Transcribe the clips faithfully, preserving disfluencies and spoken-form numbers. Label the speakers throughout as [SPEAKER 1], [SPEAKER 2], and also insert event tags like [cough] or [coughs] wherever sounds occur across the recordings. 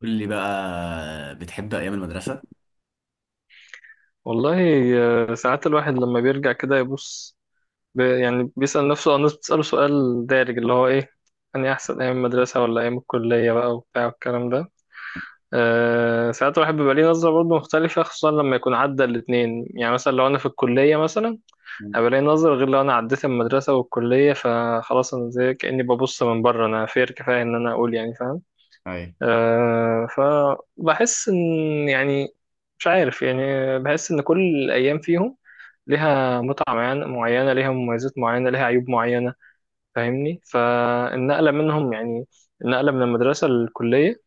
[SPEAKER 1] قول لي بقى بتحب ايام المدرسه؟
[SPEAKER 2] والله. آه، ساعات الواحد لما بيرجع كده يبص، ب- يعني بيسأل نفسه أو الناس بتسأله سؤال دارج اللي هو إيه، أني أحسن أيام المدرسة ولا أيام الكلية بقى وبتاع والكلام ده. أه ساعات الواحد بيبقى ليه نظرة برضه مختلفة خصوصا لما يكون عدى الاتنين. يعني مثلا لو أنا في الكلية مثلا هيبقى لي نظرة غير لو أنا عديت المدرسة والكلية، فخلاص أنا زي كأني ببص من بره، أنا فير كفاية إن أنا أقول يعني فاهم.
[SPEAKER 1] اي،
[SPEAKER 2] أه فبحس إن، يعني مش عارف يعني، بحس إن كل الأيام فيهم ليها متعة معينة معينة، ليها مميزات معينة ليها عيوب معينة. فاهمني؟ فالنقلة منهم، يعني النقلة من المدرسة للكلية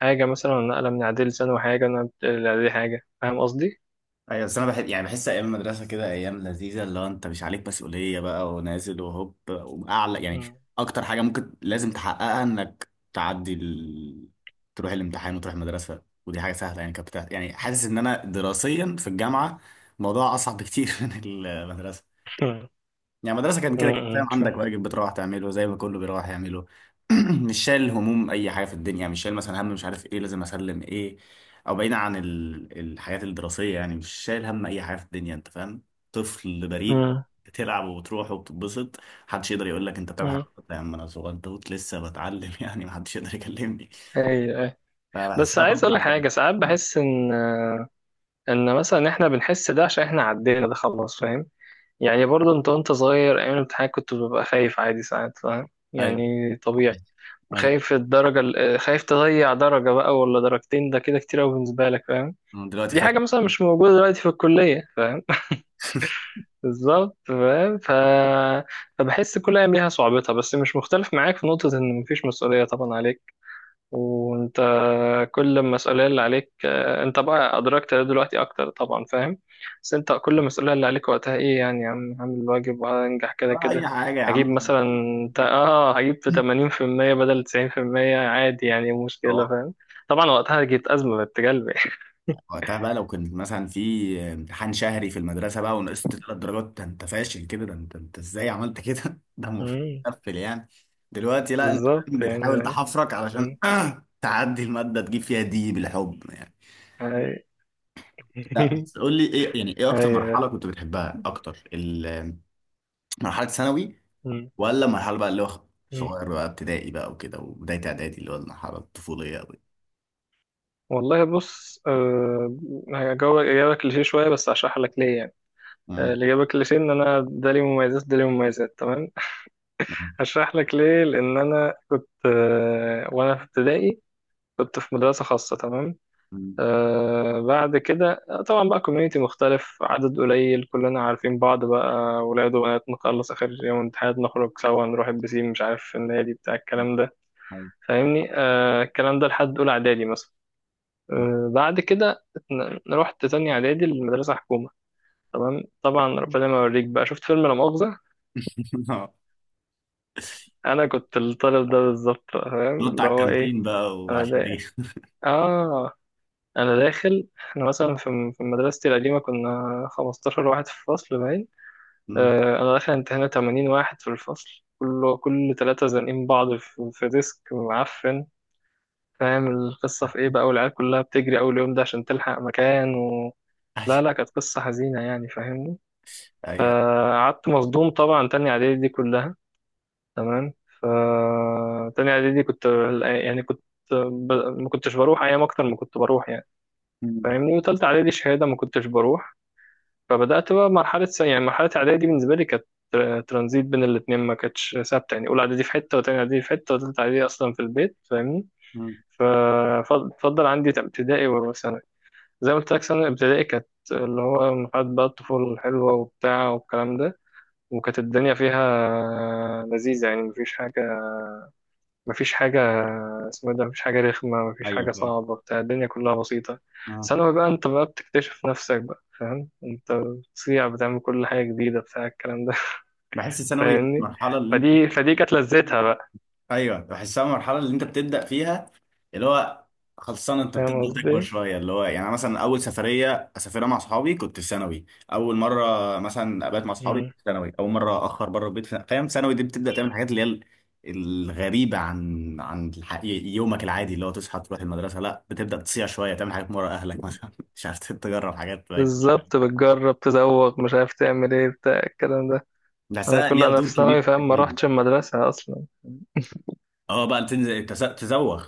[SPEAKER 2] حاجة، مثلا النقلة من إعدادي لثانوي حاجة، والنقلة من إعدادي حاجة. فاهم قصدي؟
[SPEAKER 1] ايوه. بس انا بحب، يعني بحس ايام المدرسه كده ايام لذيذه، اللي هو انت مش عليك مسؤوليه بقى ونازل وهوب واعلى، يعني
[SPEAKER 2] مم.
[SPEAKER 1] اكتر حاجه ممكن لازم تحققها انك تعدي ال... تروح الامتحان وتروح المدرسه، ودي حاجه سهله يعني. كانت بتاعت... يعني حاسس ان انا دراسيا في الجامعه الموضوع اصعب بكتير [laughs] من المدرسه.
[SPEAKER 2] مم.
[SPEAKER 1] يعني المدرسة كان كده كده، فاهم،
[SPEAKER 2] مم. شو-
[SPEAKER 1] عندك واجب بتروح تعمله زي ما كله بيروح يعمله. [clears throat] مش شايل هموم أي حاجة في الدنيا، مش شايل مثلا هم مش عارف إيه لازم أسلم إيه، أو بعيدا عن ال- الحاجات الدراسية، يعني مش شايل هم أي حاجة في الدنيا، أنت فاهم. طفل بريء
[SPEAKER 2] مم.
[SPEAKER 1] بتلعب وبتروح وبتتبسط، محدش يقدر يقول لك أنت بتعمل حاجة
[SPEAKER 2] مم.
[SPEAKER 1] غلط. يا عم أنا صغير توت لسه بتعلم [laughs] يعني محدش يقدر يكلمني.
[SPEAKER 2] أيوة أيوة.
[SPEAKER 1] فبحس
[SPEAKER 2] بس
[SPEAKER 1] إنها
[SPEAKER 2] عايز أقول
[SPEAKER 1] فترة
[SPEAKER 2] لك
[SPEAKER 1] حلوة.
[SPEAKER 2] حاجة، ساعات
[SPEAKER 1] [laughs]
[SPEAKER 2] بحس إن، إن مثلا إحنا بنحس ده عشان إحنا عدينا ده خلاص. فاهم؟ يعني برضه أنت وأنت صغير أيام الامتحان كنت ببقى خايف عادي ساعات. فاهم؟
[SPEAKER 1] أيوه
[SPEAKER 2] يعني طبيعي.
[SPEAKER 1] أيوه.
[SPEAKER 2] خايف الدرجة ال- آه، خايف تضيع درجة بقى ولا درجتين، ده كده كتير أوي بالنسبة لك فاهم.
[SPEAKER 1] أنا دلوقتي
[SPEAKER 2] دي
[SPEAKER 1] خايف؟
[SPEAKER 2] حاجة مثلا مش موجودة دلوقتي في الكلية فاهم. [laughs]
[SPEAKER 1] [laughs]
[SPEAKER 2] بالظبط فاهم. ف... فبحس كل أيام ليها صعوبتها، بس مش مختلف معاك في نقطة إن مفيش مسؤولية طبعا عليك. وانت كل المسؤولية اللي عليك، آه، انت بقى ادركت ده دلوقتي اكتر طبعا فاهم. بس انت كل المسؤولية اللي عليك وقتها ايه؟ يعني عم هعمل الواجب وهنجح كده
[SPEAKER 1] ولا
[SPEAKER 2] كده.
[SPEAKER 1] أي حاجة يا
[SPEAKER 2] هجيب
[SPEAKER 1] عم.
[SPEAKER 2] مثلا، انت اه هجيب في ثمانين في المية بدل تسعين بالمية عادي، يعني مشكلة فاهم. طبعا وقتها جبت أزمة بنت كلب. [laughs]
[SPEAKER 1] وقتها بقى لو كنت مثلا في امتحان شهري في المدرسة بقى ونقصت ثلاث درجات، ده انت فاشل كده، ده انت، انت ازاي عملت كده [laughs] ده المفروض
[SPEAKER 2] مم.
[SPEAKER 1] تقفل يعني. دلوقتي لا، انت
[SPEAKER 2] بالظبط يعني
[SPEAKER 1] بتحاول
[SPEAKER 2] فاهم.
[SPEAKER 1] تحفرك علشان
[SPEAKER 2] مم.
[SPEAKER 1] [clears throat] تعدي المادة تجيب فيها دي بالحب يعني.
[SPEAKER 2] هاي.
[SPEAKER 1] لا
[SPEAKER 2] [laughs]
[SPEAKER 1] بس قول لي ايه، يعني ايه اكتر
[SPEAKER 2] هاي.
[SPEAKER 1] مرحلة كنت بتحبها اكتر، ال- [clears throat] مرحلة ثانوي،
[SPEAKER 2] مم.
[SPEAKER 1] ولا مرحلة بقى اللي هو
[SPEAKER 2] مم.
[SPEAKER 1] صغير بقى ابتدائي بقى وكده وبداية اعدادي، اللي هو المرحلة الطفولية قوي؟
[SPEAKER 2] والله بص. أه هجاوبك إجابة كليشيه شوية، بس هشرح لك ليه يعني. آه،
[SPEAKER 1] امم،
[SPEAKER 2] الإجابة كليشيه إن أنا ده ليه مميزات، ده ليه مميزات، تمام.
[SPEAKER 1] ماشي.
[SPEAKER 2] هشرح لك ليه. لأن أنا كنت، آه، وأنا في ابتدائي كنت في مدرسة خاصة، تمام.
[SPEAKER 1] امم.
[SPEAKER 2] آه بعد كده آه، طبعا بقى كوميونيتي مختلف، عدد قليل كلنا عارفين بعض بقى، ولاد وبنات نخلص آخر يوم امتحانات نخرج سوا، نروح البسين مش عارف في النادي بتاع الكلام ده.
[SPEAKER 1] أيوة.
[SPEAKER 2] فاهمني؟ آه الكلام ده لحد أولى إعدادي مثلا. آه بعد كده اتن- رحت تانية إعدادي المدرسة حكومة، تمام. طبعا ربنا ما يوريك بقى. شفت فيلم لا مؤاخذة؟
[SPEAKER 1] [laughs]
[SPEAKER 2] انا كنت الطالب ده بالظبط، فاهم
[SPEAKER 1] نط
[SPEAKER 2] اللي
[SPEAKER 1] على
[SPEAKER 2] هو ايه؟
[SPEAKER 1] الكانتين بقى
[SPEAKER 2] انا
[SPEAKER 1] وعشان دي.
[SPEAKER 2] دا... اه، انا داخل، احنا مثلا في في مدرستي القديمه كنا خمسطاشر واحد في الفصل باين.
[SPEAKER 1] مم.
[SPEAKER 2] آه انا داخل امتحان ثمانين واحد في الفصل، كله كل ثلاثه زانقين بعض في, في ديسك معفن. فاهم القصه في ايه بقى؟ والعيال كلها بتجري اول يوم ده عشان تلحق مكان و... لا
[SPEAKER 1] ايوه
[SPEAKER 2] لا، كانت قصه حزينه يعني، فاهمني؟
[SPEAKER 1] ايوه.
[SPEAKER 2] فقعدت مصدوم طبعا، تاني اعدادي دي كلها. تمام. ف تاني اعدادي كنت، يعني كنت، ب... ما كنتش بروح ايام اكتر ما كنت بروح يعني.
[SPEAKER 1] مم.
[SPEAKER 2] فاهمني؟ وتالتة اعدادي شهاده ما كنتش بروح. فبدات بقى مرحله، س- يعني مرحله اعدادي بالنسبه لي كانت تر- ترانزيت بين الاتنين، ما كانتش ثابته. يعني اولى اعدادي في حته، وتانية اعدادي في حته، وتالتة اعدادي اصلا في البيت، فاهمني؟
[SPEAKER 1] مم.
[SPEAKER 2] ففضل عندي ابتدائي وثانوي. زي ما قلت لك ثانوي ابتدائي كانت، اللي هو مرحله بقى الطفوله الحلوه وبتاع والكلام ده. وكانت الدنيا فيها لذيذه يعني، مفيش حاجه، مفيش حاجة اسمه إيه ده، مفيش حاجة رخمة، مفيش
[SPEAKER 1] ايوه
[SPEAKER 2] حاجة
[SPEAKER 1] فاهم.
[SPEAKER 2] صعبة بتاع، الدنيا كلها بسيطة.
[SPEAKER 1] آه.
[SPEAKER 2] ثانوي بقى انت بقى بتكتشف نفسك بقى فاهم، انت بتصيع، بتعمل كل حاجة جديدة بتاع الكلام ده.
[SPEAKER 1] بحس
[SPEAKER 2] [laughs]
[SPEAKER 1] ثانوي
[SPEAKER 2] فاهمني؟
[SPEAKER 1] المرحله اللي انت،
[SPEAKER 2] فدي فدي كانت لذتها بقى.
[SPEAKER 1] ايوه بحسها المرحله اللي انت بتبدا فيها، اللي هو خلصان انت
[SPEAKER 2] فاهم
[SPEAKER 1] بتبدا تكبر
[SPEAKER 2] قصدي؟
[SPEAKER 1] شويه، اللي هو يعني أنا مثلا اول سفريه اسافرها مع صحابي كنت في ثانوي، اول مره مثلا ابات مع صحابي كنت
[SPEAKER 2] مم.
[SPEAKER 1] في ثانوي، اول مره اخر بره البيت في- فاهم؟ ثانوي دي بتبدا تعمل الحاجات اللي هي ال- الغريبه عن عن الح... يومك العادي اللي هو تصحى تروح المدرسه. لا، بتبدا تصيع شويه، تعمل حاجات من ورا اهلك مثلا [laughs] مش عارف، تجرب حاجات. طيب،
[SPEAKER 2] بالظبط، بتجرب تزوق، مش عارف تعمل ايه بتاع الكلام ده. انا
[SPEAKER 1] بحسها
[SPEAKER 2] كل
[SPEAKER 1] ليها
[SPEAKER 2] انا في
[SPEAKER 1] دور
[SPEAKER 2] ثانوي
[SPEAKER 1] كبير في
[SPEAKER 2] فاهم ما
[SPEAKER 1] التكوين.
[SPEAKER 2] روحتش المدرسة اصلا.
[SPEAKER 1] اه بقى تنزل تز- تزوغ.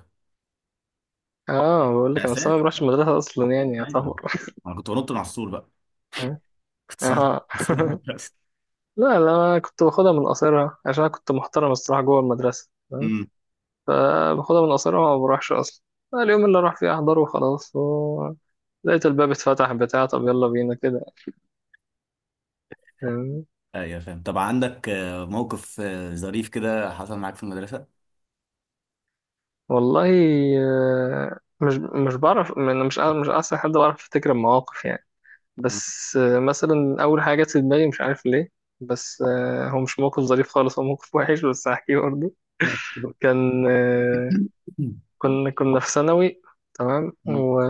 [SPEAKER 2] اه، بقول لك انا في
[SPEAKER 1] مأساة.
[SPEAKER 2] ثانوي ما روحتش المدرسة اصلا، يعني
[SPEAKER 1] ايوه،
[SPEAKER 2] يعتبر.
[SPEAKER 1] انا كنت بنط من على السور بقى.
[SPEAKER 2] [laughs]
[SPEAKER 1] [laughs] كنت بنط
[SPEAKER 2] اه.
[SPEAKER 1] من
[SPEAKER 2] [laughs]
[SPEAKER 1] على السور.
[SPEAKER 2] لا لا، أنا كنت باخدها من قصيرها عشان أنا كنت محترم الصراحة جوه المدرسة، تمام.
[SPEAKER 1] [laughs]
[SPEAKER 2] فباخدها من قصيرها وما بروحش أصلا. اليوم اللي راح فيه أحضره وخلاص و... لقيت الباب اتفتح بتاع، طب يلا بينا كده. فاهمني؟
[SPEAKER 1] ايوه فاهم. طب عندك آه، موقف آه، ظريف كده حصل معاك في المدرسة؟
[SPEAKER 2] والله. آه، مش مش بعرف، أنا مش مش أحسن حد بعرف أفتكر المواقف يعني.
[SPEAKER 1] مم.
[SPEAKER 2] بس، آه، مثلا أول حاجة جت في دماغي مش عارف ليه. بس آه، هو مش موقف ظريف خالص، هو موقف وحش بس هحكيه برضه.
[SPEAKER 1] ماشي.
[SPEAKER 2] كان آه،
[SPEAKER 1] مم.
[SPEAKER 2] كنا كنا في ثانوي، تمام. و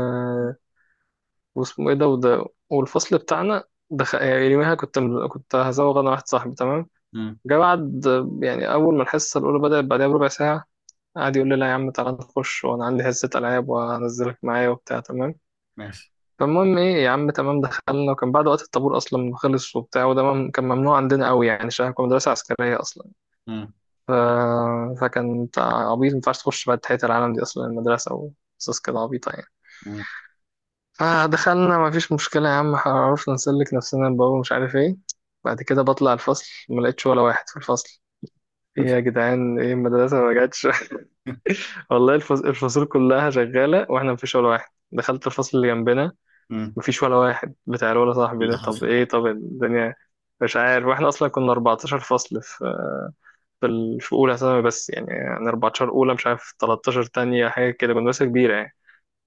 [SPEAKER 2] واسمه ايه ده، وده والفصل بتاعنا، دخل. يعني يوميها كنت، كنت هزوغ انا واحد صاحبي، تمام.
[SPEAKER 1] مم.
[SPEAKER 2] جه بعد، يعني اول ما الحصه الاولى بدات بعدها بربع ساعه، قعد يقول لي لا يا عم تعالى نخش، وانا عندي حصه العاب وهنزلك معايا وبتاع، تمام.
[SPEAKER 1] ماشي.
[SPEAKER 2] فالمهم ايه يا عم، تمام دخلنا، وكان بعد وقت الطابور اصلا خلص وبتاع، وده مم- كان ممنوع عندنا قوي يعني عشان كنا مدرسه عسكريه اصلا.
[SPEAKER 1] مم.
[SPEAKER 2] ف... فكان بتاع، عبيط ما ينفعش تخش بعد تحيه العالم دي اصلا المدرسه، وقصص كده عبيطه يعني.
[SPEAKER 1] مم.
[SPEAKER 2] فدخلنا مفيش مشكلة يا عم، عرفنا نسلك نفسنا الباب مش عارف ايه. بعد كده بطلع الفصل ما لقيتش ولا واحد في الفصل. ايه يا جدعان، ايه المدرسة ما جاتش؟ [laughs] والله، الفص- الفصول كلها شغالة واحنا مفيش ولا واحد. دخلت الفصل اللي جنبنا،
[SPEAKER 1] مم.
[SPEAKER 2] مفيش ولا واحد بتاع، ولا صاحبي ده.
[SPEAKER 1] اللي
[SPEAKER 2] طب
[SPEAKER 1] حصل؟
[SPEAKER 2] ايه؟ طب الدنيا مش عارف. واحنا اصلا كنا أربعتاشر فصل في، في ال- في اولى ثانوي بس يعني، يعني أربعة عشر اولى، مش عارف تلتاشر تانية حاجة كده، كنا مدرسة كبيرة يعني.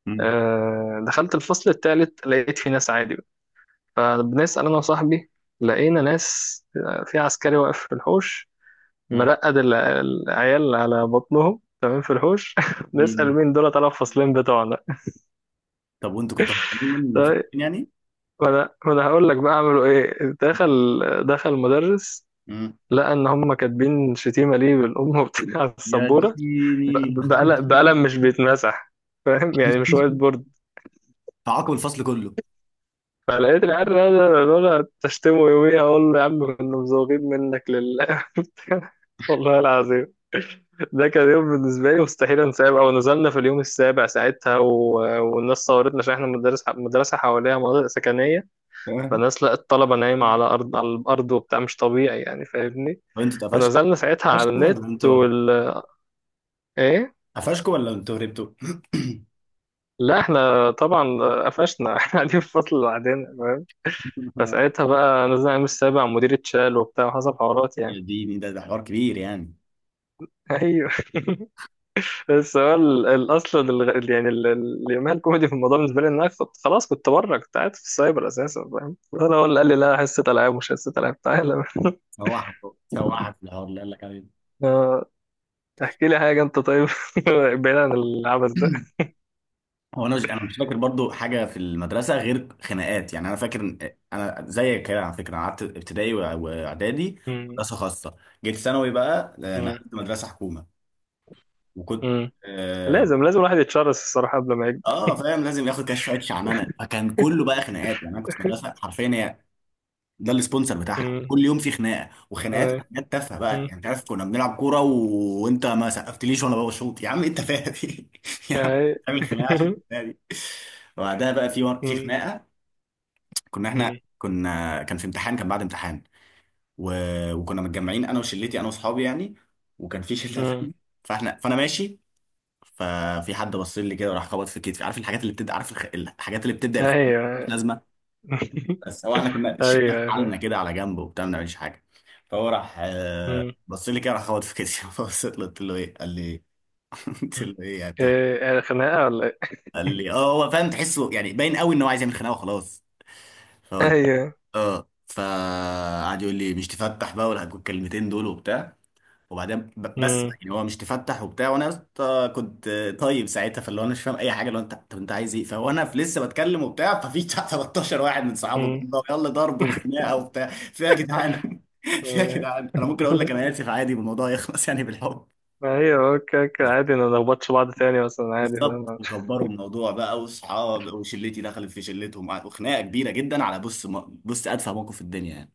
[SPEAKER 1] مم.
[SPEAKER 2] أه، دخلت الفصل التالت لقيت في ناس عادي. فبنسأل أنا وصاحبي. لقينا ناس، آه، في عسكري واقف في الحوش،
[SPEAKER 1] مم.
[SPEAKER 2] مرقد ال- العيال على بطنهم، تمام، في الحوش. [laughs] نسأل
[SPEAKER 1] مم.
[SPEAKER 2] مين دول، طلع الفصلين بتوعنا.
[SPEAKER 1] طب وانتوا كنتوا هربانين من الفصل
[SPEAKER 2] طيب،
[SPEAKER 1] يعني؟
[SPEAKER 2] وأنا وأنا هقول لك بقى عملوا إيه. دخل، دخل المدرس،
[SPEAKER 1] مم.
[SPEAKER 2] لقى إن هم كاتبين شتيمة ليه بالأم وبتاع على
[SPEAKER 1] يا
[SPEAKER 2] السبورة،
[SPEAKER 1] ديني.
[SPEAKER 2] ب- بقلم بقلم مش بيتمسح، فاهم يعني مش وايت
[SPEAKER 1] [laughs]
[SPEAKER 2] بورد.
[SPEAKER 1] تعاقب الفصل كله.
[SPEAKER 2] فلقيت العيال دول تشتمه يوميها. أقول له يا عم كنا مزوغين منك لله. [laughs] والله العظيم، ده كان يوم بالنسبة لي مستحيل انساه بقى. ونزلنا في اليوم السابع ساعتها و... والناس صورتنا عشان احنا مدرس مدرسة حواليها مناطق سكنية.
[SPEAKER 1] تمام.
[SPEAKER 2] فالناس لقت الطلبة نايمة على أرض على الأرض وبتاع، مش طبيعي يعني فاهمني.
[SPEAKER 1] طب انتوا اتقفشتوا،
[SPEAKER 2] فنزلنا ساعتها على
[SPEAKER 1] قفشتوا ولا
[SPEAKER 2] النت
[SPEAKER 1] انتوا،
[SPEAKER 2] وال ايه،
[SPEAKER 1] قفشتوا ولا انتوا هربتوا؟ [laughs]
[SPEAKER 2] لا احنا طبعا قفشنا. [laughs] احنا قاعدين في فصل لوحدنا فاهم.
[SPEAKER 1] [coughs]
[SPEAKER 2] فساعتها بقى نزلنا اليوم السابع، مدير اتشال وبتاع وحصل حوارات يعني.
[SPEAKER 1] يا ديني، ده ده حوار كبير يعني.
[SPEAKER 2] [laughs] بس هو ال- ال- اصلا ال- يعني ال- ال- اليوميها الكوميدي في الموضوع بالنسبه لي ان انا كنت خلاص، كنت بره، كنت قاعد في السايبر اساسا فاهم. انا هو اللي قال لي لا، حصه العاب، مش حصه العاب تعالى. [laughs]
[SPEAKER 1] سواحك، سواحك الحوار اللي قال لك عليه.
[SPEAKER 2] آه، احكي لي حاجه انت طيب. [laughs] بعيد عن العبث ده.
[SPEAKER 1] هو انا مش، انا مش فاكر برضو حاجه في المدرسه غير خناقات يعني. انا فاكر إن- انا زيك كده على فكره، أنا قعدت ابتدائي وإع- واعدادي
[SPEAKER 2] مم.
[SPEAKER 1] مدرسه خاصه، جيت ثانوي بقى آه،
[SPEAKER 2] مم.
[SPEAKER 1] نقلت مدرسه حكومه، وكنت،
[SPEAKER 2] مم.
[SPEAKER 1] اه،
[SPEAKER 2] لازم لازم الواحد يتشرس الصراحه قبل ما يكبر.
[SPEAKER 1] آه، فاهم لازم ياخد كده شويه شعنانه، فكان كله بقى خناقات يعني. انا كنت في مدرسه حرفيا هي ده السبونسر بتاعها،
[SPEAKER 2] مم.
[SPEAKER 1] كل يوم في خناقه، وخناقات
[SPEAKER 2] آه.
[SPEAKER 1] خناقات تافهه بقى
[SPEAKER 2] مم.
[SPEAKER 1] يعني. انت عارف كنا بنلعب كوره و... وانت ما سقفتليش وانا بشوط، يا عم انت فاهم [laughs] يا عم
[SPEAKER 2] آه.
[SPEAKER 1] بتعمل خناقه عشان
[SPEAKER 2] [laughs]
[SPEAKER 1] الخناقة دي. وبعدها بقى في في
[SPEAKER 2] مم.
[SPEAKER 1] خناقه كنا احنا،
[SPEAKER 2] مم.
[SPEAKER 1] كنا كان في امتحان، كان بعد امتحان و... وكنا متجمعين انا وشلتي، انا واصحابي يعني، وكان في [laughs] شله
[SPEAKER 2] مم.
[SPEAKER 1] ثانيه. فاحنا، فانا ماشي، ففي حد بص لي كده وراح خبط في كتفي، عارف الحاجات اللي بتبدا، عارف الخ... الحاجات اللي بتبدا الخ... مش
[SPEAKER 2] ايوه.
[SPEAKER 1] لازمه. بس هو احنا
[SPEAKER 2] [laughs]
[SPEAKER 1] كنا
[SPEAKER 2] ايوه
[SPEAKER 1] شلنا حالنا
[SPEAKER 2] ايوه.
[SPEAKER 1] كده على جنب وبتاع، ما بنعملش حاجه. فهو راح آه،
[SPEAKER 2] مم.
[SPEAKER 1] بص لي كده، راح خبط في كتفي [laughs] فبصيت له قلت له ايه، قال لي إيه؟ [laughs] قلت
[SPEAKER 2] مم.
[SPEAKER 1] له ايه يا تو،
[SPEAKER 2] إيه، خناقه ولا ايه؟
[SPEAKER 1] قال لي اه. هو فاهم تحسه يعني، باين قوي ان هو عايز يعمل خناقه وخلاص.
[SPEAKER 2] ايوه.
[SPEAKER 1] اه، فقعد يقول لي مش تفتح بقى ولا الكلمتين دول وبتاع. وبعدين ب- بس يعني هو مش تفتح وبتاع، وانا يا اسطى كنت طيب ساعتها، فاللي هو انا مش فاهم اي حاجه، لو انت، طب انت عايز ايه؟ فانا في- لسه بتكلم وبتاع، ففي [laughs] بتاع تلتاشر واحد من صحابه
[SPEAKER 2] مم.
[SPEAKER 1] جنبه، يلا ضرب
[SPEAKER 2] [laughs]
[SPEAKER 1] وخناقه وبتاع، فيها يا جدعان [laughs] فيها يا جدعان. انا ممكن اقول لك انا اسف عادي والموضوع [laughs] يخلص يعني بالحب.
[SPEAKER 2] ما هي اوكي اوكي عادي، ما نخبطش بعض تاني مثلا عادي
[SPEAKER 1] بالظبط،
[SPEAKER 2] فاهم.
[SPEAKER 1] وكبروا الموضوع بقى، واصحاب وشلتي دخلت في شلتهم، وخناقه كبيره جدا على بص، بص ادفع موقف في الدنيا يعني.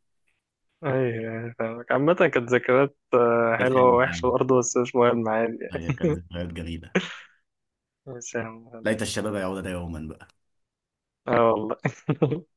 [SPEAKER 2] ايوه، يعني فاهمك. عامة كانت ذكريات آه،
[SPEAKER 1] ده
[SPEAKER 2] حلوة
[SPEAKER 1] حلو فعلا.
[SPEAKER 2] ووحشة برضه، بس مش مهم عادي
[SPEAKER 1] هي
[SPEAKER 2] يعني.
[SPEAKER 1] كانت ذكريات جميلة.
[SPEAKER 2] بس يا عم
[SPEAKER 1] ليت
[SPEAKER 2] خلاص.
[SPEAKER 1] الشباب يعود يوما بقى.
[SPEAKER 2] اه والله. [laughs]